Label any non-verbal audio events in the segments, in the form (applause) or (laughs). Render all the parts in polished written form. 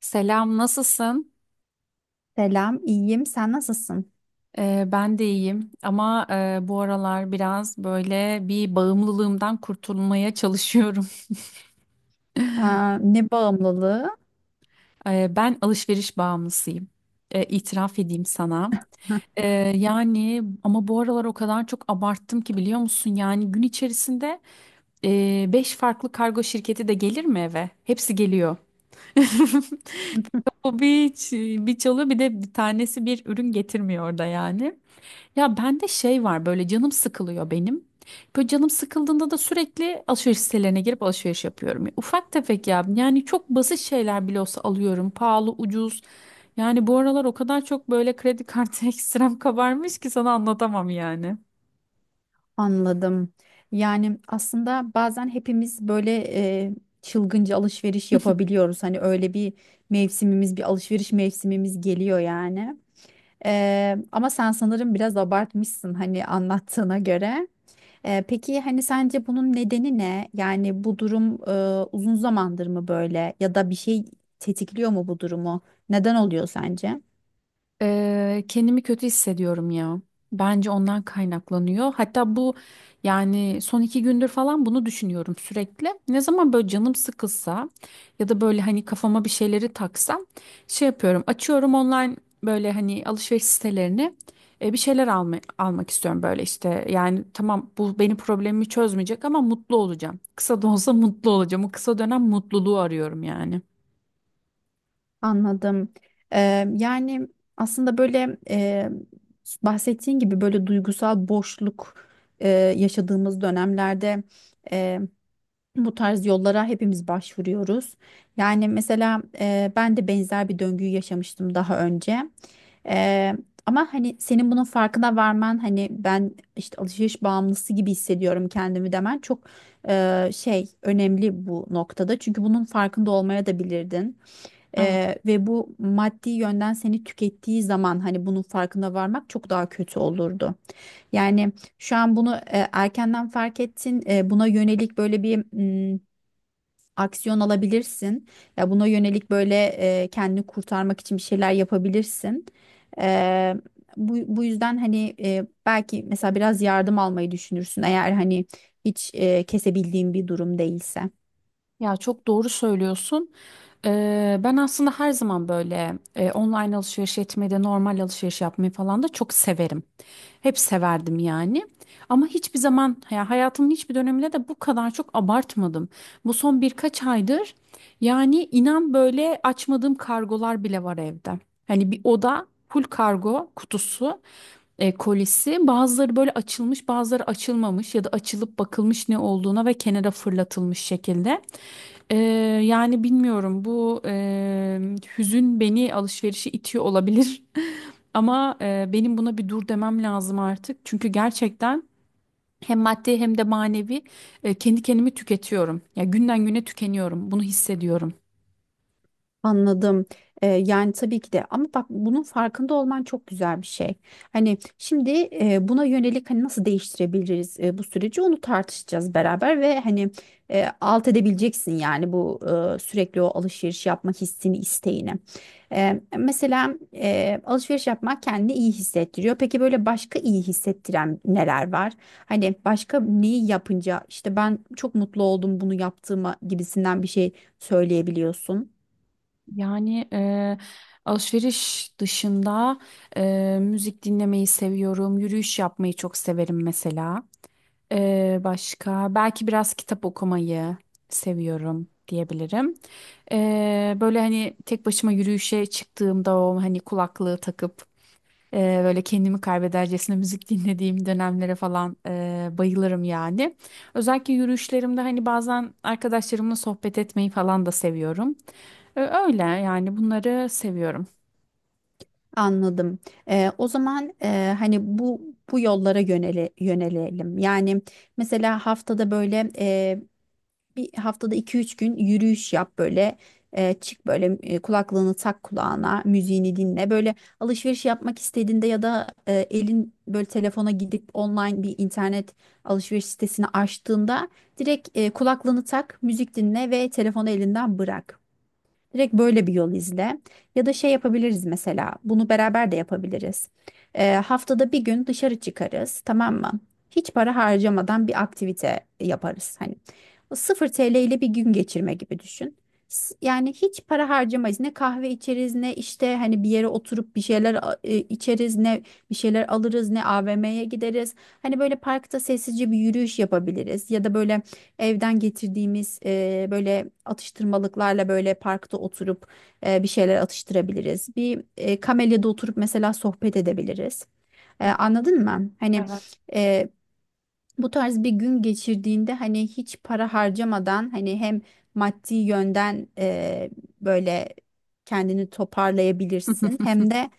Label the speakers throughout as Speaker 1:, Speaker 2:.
Speaker 1: Selam, nasılsın?
Speaker 2: Selam, iyiyim. Sen nasılsın?
Speaker 1: Ben de iyiyim ama bu aralar biraz böyle bir bağımlılığımdan kurtulmaya çalışıyorum. (laughs)
Speaker 2: Aa, ne bağımlılığı?
Speaker 1: Ben alışveriş bağımlısıyım. İtiraf edeyim sana. Ee, Yani ama bu aralar o kadar çok abarttım ki biliyor musun? Yani gün içerisinde 5 farklı kargo şirketi de gelir mi eve? Hepsi geliyor. (laughs)
Speaker 2: (laughs)
Speaker 1: O bir, bir çalıyor bir de bir tanesi bir ürün getirmiyor da yani. Ya bende şey var böyle canım sıkılıyor benim. Böyle canım sıkıldığında da sürekli alışveriş sitelerine girip alışveriş yapıyorum. Ufak tefek ya yani çok basit şeyler bile olsa alıyorum. Pahalı, ucuz. Yani bu aralar o kadar çok böyle kredi kartı (laughs) ekstrem kabarmış ki sana anlatamam yani.
Speaker 2: Anladım. Yani aslında bazen hepimiz böyle e, çılgınca alışveriş yapabiliyoruz. Hani öyle bir mevsimimiz, bir alışveriş mevsimimiz geliyor yani. Ama sen sanırım biraz abartmışsın, hani, anlattığına göre. Peki hani sence bunun nedeni ne? Yani bu durum uzun zamandır mı böyle, ya da bir şey tetikliyor mu bu durumu? Neden oluyor sence?
Speaker 1: Kendimi kötü hissediyorum ya. Bence ondan kaynaklanıyor. Hatta bu yani son iki gündür falan bunu düşünüyorum sürekli. Ne zaman böyle canım sıkılsa ya da böyle hani kafama bir şeyleri taksam şey yapıyorum. Açıyorum online böyle hani alışveriş sitelerini, bir şeyler alma, almak istiyorum böyle işte. Yani tamam, bu benim problemimi çözmeyecek ama mutlu olacağım. Kısa da olsa mutlu olacağım. O kısa dönem mutluluğu arıyorum yani.
Speaker 2: Anladım. Ee, yani aslında böyle bahsettiğin gibi böyle duygusal boşluk yaşadığımız dönemlerde e, bu tarz yollara hepimiz başvuruyoruz. Yani mesela ben de benzer bir döngüyü yaşamıştım daha önce. Ee, ama hani senin bunun farkına varman, hani ben işte alışveriş bağımlısı gibi hissediyorum kendimi demen çok şey, önemli bu noktada. Çünkü bunun farkında olmaya da bilirdin. Ve bu maddi yönden seni tükettiği zaman hani bunun farkına varmak çok daha kötü olurdu. Yani şu an bunu erkenden fark ettin. Buna yönelik böyle bir mm, aksiyon alabilirsin. Ya buna yönelik böyle kendini kurtarmak için bir şeyler yapabilirsin. Eee, bu yüzden hani belki mesela biraz yardım almayı düşünürsün, eğer hani hiç kesebildiğin bir durum değilse.
Speaker 1: Ya çok doğru söylüyorsun. Ben aslında her zaman böyle online alışveriş etmeyi de normal alışveriş yapmayı falan da çok severim. Hep severdim yani. Ama hiçbir zaman ya hayatımın hiçbir döneminde de bu kadar çok abartmadım. Bu son birkaç aydır yani inan böyle açmadığım kargolar bile var evde. Hani bir oda full kargo kutusu, kolisi. Bazıları böyle açılmış, bazıları açılmamış ya da açılıp bakılmış ne olduğuna ve kenara fırlatılmış şekilde. Ee, Yani bilmiyorum, bu hüzün beni alışverişe itiyor olabilir. (laughs) Ama benim buna bir dur demem lazım artık. Çünkü gerçekten hem maddi hem de manevi, kendi kendimi tüketiyorum. Ya günden güne tükeniyorum. Bunu hissediyorum.
Speaker 2: Anladım. Yani tabii ki de, ama bak bunun farkında olman çok güzel bir şey. Hani şimdi buna yönelik, hani nasıl değiştirebiliriz bu süreci, onu tartışacağız beraber ve hani alt edebileceksin yani bu sürekli o alışveriş yapma hissini, isteğini. Mesela alışveriş yapmak kendini iyi hissettiriyor. Peki böyle başka iyi hissettiren neler var? Hani başka neyi yapınca işte ben çok mutlu oldum bunu yaptığıma gibisinden bir şey söyleyebiliyorsun.
Speaker 1: Yani alışveriş dışında müzik dinlemeyi seviyorum. Yürüyüş yapmayı çok severim mesela. Başka belki biraz kitap okumayı seviyorum diyebilirim. Böyle hani tek başıma yürüyüşe çıktığımda o hani kulaklığı takıp böyle kendimi kaybedercesine müzik (laughs) dinlediğim dönemlere falan bayılırım yani. Özellikle yürüyüşlerimde hani bazen arkadaşlarımla sohbet etmeyi falan da seviyorum. Öyle yani, bunları seviyorum.
Speaker 2: Anladım. O zaman hani bu yollara yönelelim. Yani mesela haftada böyle bir haftada 2-3 gün yürüyüş yap böyle. Çık böyle kulaklığını tak kulağına, müziğini dinle. Böyle alışveriş yapmak istediğinde ya da elin böyle telefona gidip online bir internet alışveriş sitesini açtığında, direkt kulaklığını tak, müzik dinle ve telefonu elinden bırak. Direkt böyle bir yol izle. Ya da şey yapabiliriz mesela. Bunu beraber de yapabiliriz. Haftada bir gün dışarı çıkarız, tamam mı? Hiç para harcamadan bir aktivite yaparız. Hani o 0 TL ile bir gün geçirme gibi düşün. Yani hiç para harcamayız. Ne kahve içeriz, ne işte hani bir yere oturup bir şeyler içeriz, ne bir şeyler alırız, ne AVM'ye gideriz. Hani böyle parkta sessizce bir yürüyüş yapabiliriz, ya da böyle evden getirdiğimiz böyle atıştırmalıklarla böyle parkta oturup bir şeyler atıştırabiliriz. Bir kamelyada oturup mesela sohbet edebiliriz. Anladın mı? Hani
Speaker 1: Evet.
Speaker 2: e, bu tarz bir gün geçirdiğinde, hani hiç para harcamadan, hani hem maddi yönden böyle kendini toparlayabilirsin,
Speaker 1: (laughs)
Speaker 2: hem de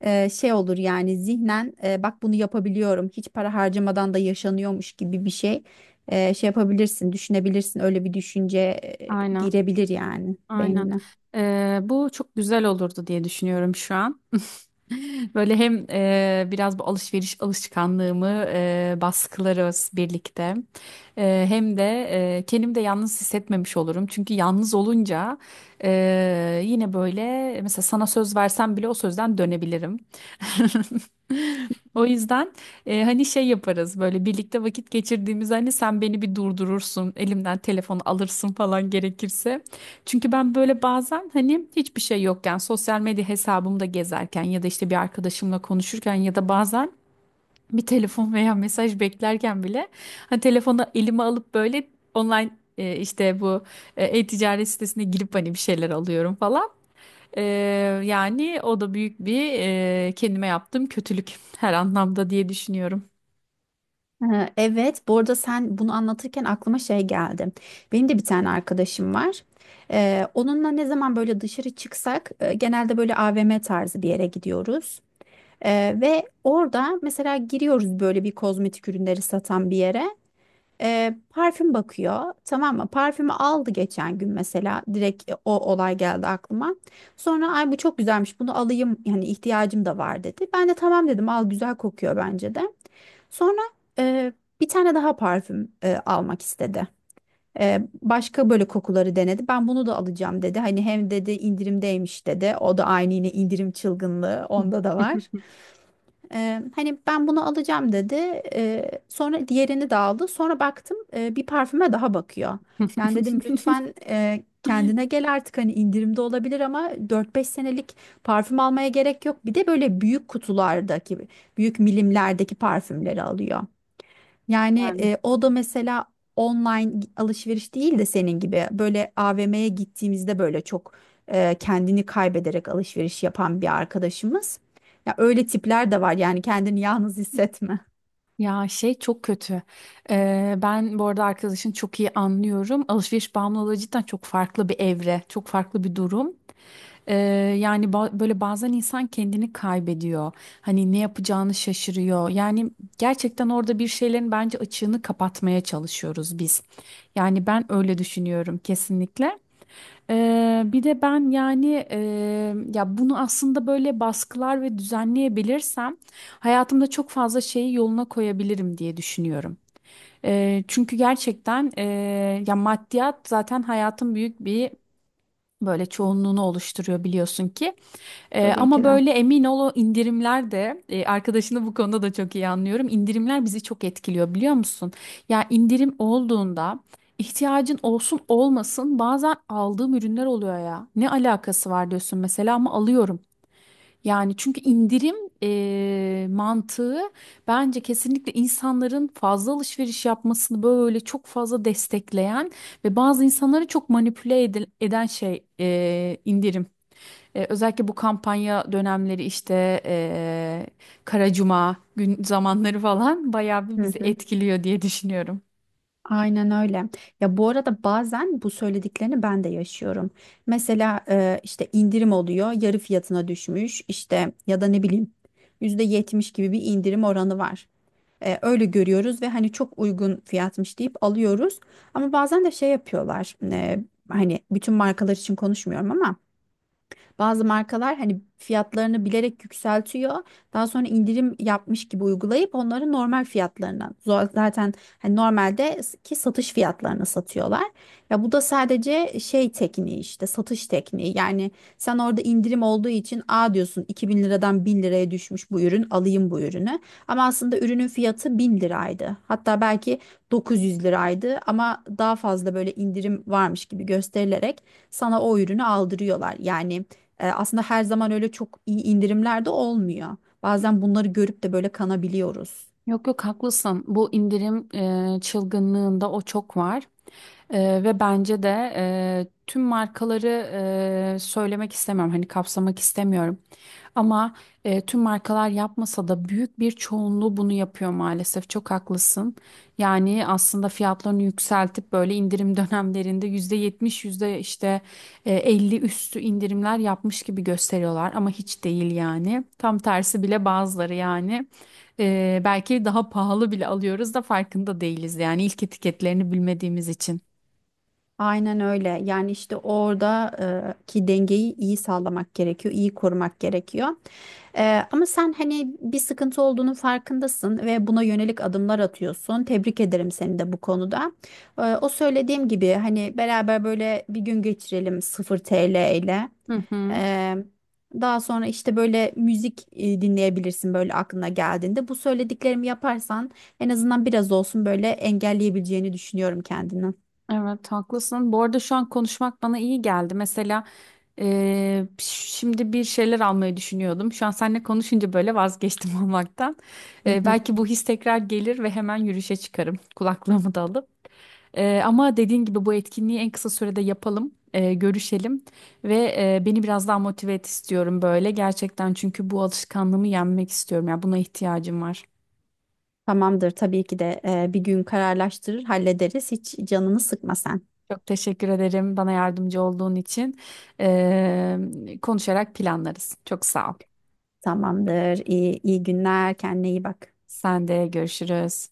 Speaker 2: şey olur yani, zihnen bak, bunu yapabiliyorum, hiç para harcamadan da yaşanıyormuş gibi bir şey şey yapabilirsin, düşünebilirsin, öyle bir düşünce
Speaker 1: Aynen.
Speaker 2: girebilir yani
Speaker 1: Aynen.
Speaker 2: beynine.
Speaker 1: Bu çok güzel olurdu diye düşünüyorum şu an. (laughs) Böyle hem biraz bu alışveriş alışkanlığımı baskılarız birlikte. E, hem de kendimi de yalnız hissetmemiş olurum. Çünkü yalnız olunca yine böyle mesela sana söz versem bile o sözden dönebilirim. (laughs) O yüzden hani şey yaparız böyle birlikte vakit geçirdiğimiz, hani sen beni bir durdurursun elimden telefonu alırsın falan gerekirse. Çünkü ben böyle bazen hani hiçbir şey yokken sosyal medya hesabımda gezerken ya da işte bir arkadaşımla konuşurken ya da bazen bir telefon veya mesaj beklerken bile hani telefonu elime alıp böyle online, işte bu, e-ticaret sitesine girip hani bir şeyler alıyorum falan. E, Yani o da büyük bir, kendime yaptığım kötülük her anlamda diye düşünüyorum.
Speaker 2: Evet, bu arada sen bunu anlatırken aklıma şey geldi. Benim de bir tane arkadaşım var. Onunla ne zaman böyle dışarı çıksak genelde böyle AVM tarzı bir yere gidiyoruz. Ve orada mesela giriyoruz böyle bir kozmetik ürünleri satan bir yere. Parfüm bakıyor, tamam mı? Parfümü aldı geçen gün mesela, direkt o olay geldi aklıma. Sonra ay bu çok güzelmiş bunu alayım yani, ihtiyacım da var dedi. Ben de tamam dedim, al, güzel kokuyor bence de. Sonra e, bir tane daha parfüm almak istedi. E, başka böyle kokuları denedi. Ben bunu da alacağım dedi. Hani hem dedi indirimdeymiş dedi. O da aynı, yine indirim çılgınlığı onda da var. Hani ben bunu alacağım dedi. Sonra diğerini de aldı. Sonra baktım bir parfüme daha bakıyor. Yani
Speaker 1: (laughs)
Speaker 2: dedim lütfen kendine gel artık, hani indirimde olabilir ama 4-5 senelik parfüm almaya gerek yok. Bir de böyle büyük kutulardaki, büyük milimlerdeki parfümleri alıyor. Yani o da mesela online alışveriş değil de senin gibi böyle AVM'ye gittiğimizde böyle çok kendini kaybederek alışveriş yapan bir arkadaşımız. Ya öyle tipler de var yani, kendini yalnız hissetme.
Speaker 1: Ya şey çok kötü. Ben bu arada arkadaşın çok iyi anlıyorum. Alışveriş bağımlılığı cidden çok farklı bir evre, çok farklı bir durum. Ee, Yani böyle bazen insan kendini kaybediyor. Hani ne yapacağını şaşırıyor. Yani gerçekten orada bir şeylerin bence açığını kapatmaya çalışıyoruz biz. Yani ben öyle düşünüyorum kesinlikle. Bir de ben yani, ya bunu aslında böyle baskılar ve düzenleyebilirsem hayatımda çok fazla şeyi yoluna koyabilirim diye düşünüyorum. Çünkü gerçekten ya maddiyat zaten hayatın büyük bir böyle çoğunluğunu oluşturuyor biliyorsun ki.
Speaker 2: Tabii ki
Speaker 1: Ama
Speaker 2: de.
Speaker 1: böyle emin ol o indirimler de, arkadaşını bu konuda da çok iyi anlıyorum. İndirimler bizi çok etkiliyor biliyor musun? Ya indirim olduğunda ihtiyacın olsun olmasın bazen aldığım ürünler oluyor ya. Ne alakası var diyorsun mesela ama alıyorum. Yani çünkü indirim mantığı bence kesinlikle insanların fazla alışveriş yapmasını böyle çok fazla destekleyen ve bazı insanları çok manipüle eden şey indirim. E, özellikle bu kampanya dönemleri işte Kara Cuma gün zamanları falan bayağı bir
Speaker 2: Hı
Speaker 1: bizi
Speaker 2: hı.
Speaker 1: etkiliyor diye düşünüyorum.
Speaker 2: Aynen öyle. Ya bu arada bazen bu söylediklerini ben de yaşıyorum. Mesela işte indirim oluyor, yarı fiyatına düşmüş işte ya da ne bileyim %70 gibi bir indirim oranı var. Öyle görüyoruz ve hani çok uygun fiyatmış deyip alıyoruz. Ama bazen de şey yapıyorlar. Hani bütün markalar için konuşmuyorum, ama bazı markalar hani fiyatlarını bilerek yükseltiyor. Daha sonra indirim yapmış gibi uygulayıp, onları normal fiyatlarından zaten hani normalde ki satış fiyatlarına satıyorlar. Ya bu da sadece şey tekniği işte, satış tekniği. Yani sen orada indirim olduğu için a diyorsun, 2.000 liradan 1000 liraya düşmüş bu ürün, alayım bu ürünü. Ama aslında ürünün fiyatı 1000 liraydı. Hatta belki 900 liraydı, ama daha fazla böyle indirim varmış gibi gösterilerek sana o ürünü aldırıyorlar. Yani aslında her zaman öyle çok iyi indirimler de olmuyor. Bazen bunları görüp de böyle kanabiliyoruz.
Speaker 1: Yok yok, haklısın. Bu indirim çılgınlığında o çok var. E, ve bence de tüm markaları söylemek istemiyorum. Hani kapsamak istemiyorum. Ama tüm markalar yapmasa da büyük bir çoğunluğu bunu yapıyor maalesef. Çok haklısın. Yani aslında fiyatlarını yükseltip böyle indirim (laughs) dönemlerinde %70, yüzde işte 50 üstü indirimler yapmış gibi gösteriyorlar ama hiç değil yani. Tam tersi bile bazıları yani. E, belki daha pahalı bile alıyoruz da farkında değiliz yani ilk etiketlerini bilmediğimiz için.
Speaker 2: Aynen öyle. Yani işte orada ki dengeyi iyi sağlamak gerekiyor, iyi korumak gerekiyor. Ama sen hani bir sıkıntı olduğunun farkındasın ve buna yönelik adımlar atıyorsun. Tebrik ederim seni de bu konuda. O söylediğim gibi hani beraber böyle bir gün geçirelim 0 TL ile.
Speaker 1: Hı hı.
Speaker 2: Ee, daha sonra işte böyle müzik dinleyebilirsin böyle aklına geldiğinde. Bu söylediklerimi yaparsan en azından biraz olsun böyle engelleyebileceğini düşünüyorum kendini.
Speaker 1: Evet, haklısın. Bu arada şu an konuşmak bana iyi geldi. Mesela şimdi bir şeyler almayı düşünüyordum. Şu an seninle konuşunca böyle vazgeçtim (laughs) almaktan.
Speaker 2: Hı hı.
Speaker 1: Belki bu his tekrar gelir ve hemen yürüyüşe çıkarım. (laughs) Kulaklığımı da alıp. Ama dediğin gibi bu etkinliği en kısa sürede yapalım. Görüşelim ve beni biraz daha motive et istiyorum böyle. Gerçekten çünkü bu alışkanlığımı yenmek istiyorum. Yani buna ihtiyacım var.
Speaker 2: Tamamdır tabii ki de bir gün kararlaştırır hallederiz. Hiç canını sıkma sen.
Speaker 1: Çok teşekkür ederim bana yardımcı olduğun için. Konuşarak planlarız. Çok sağ ol.
Speaker 2: Tamamdır. İyi günler. Kendine iyi bak.
Speaker 1: Sen de, görüşürüz.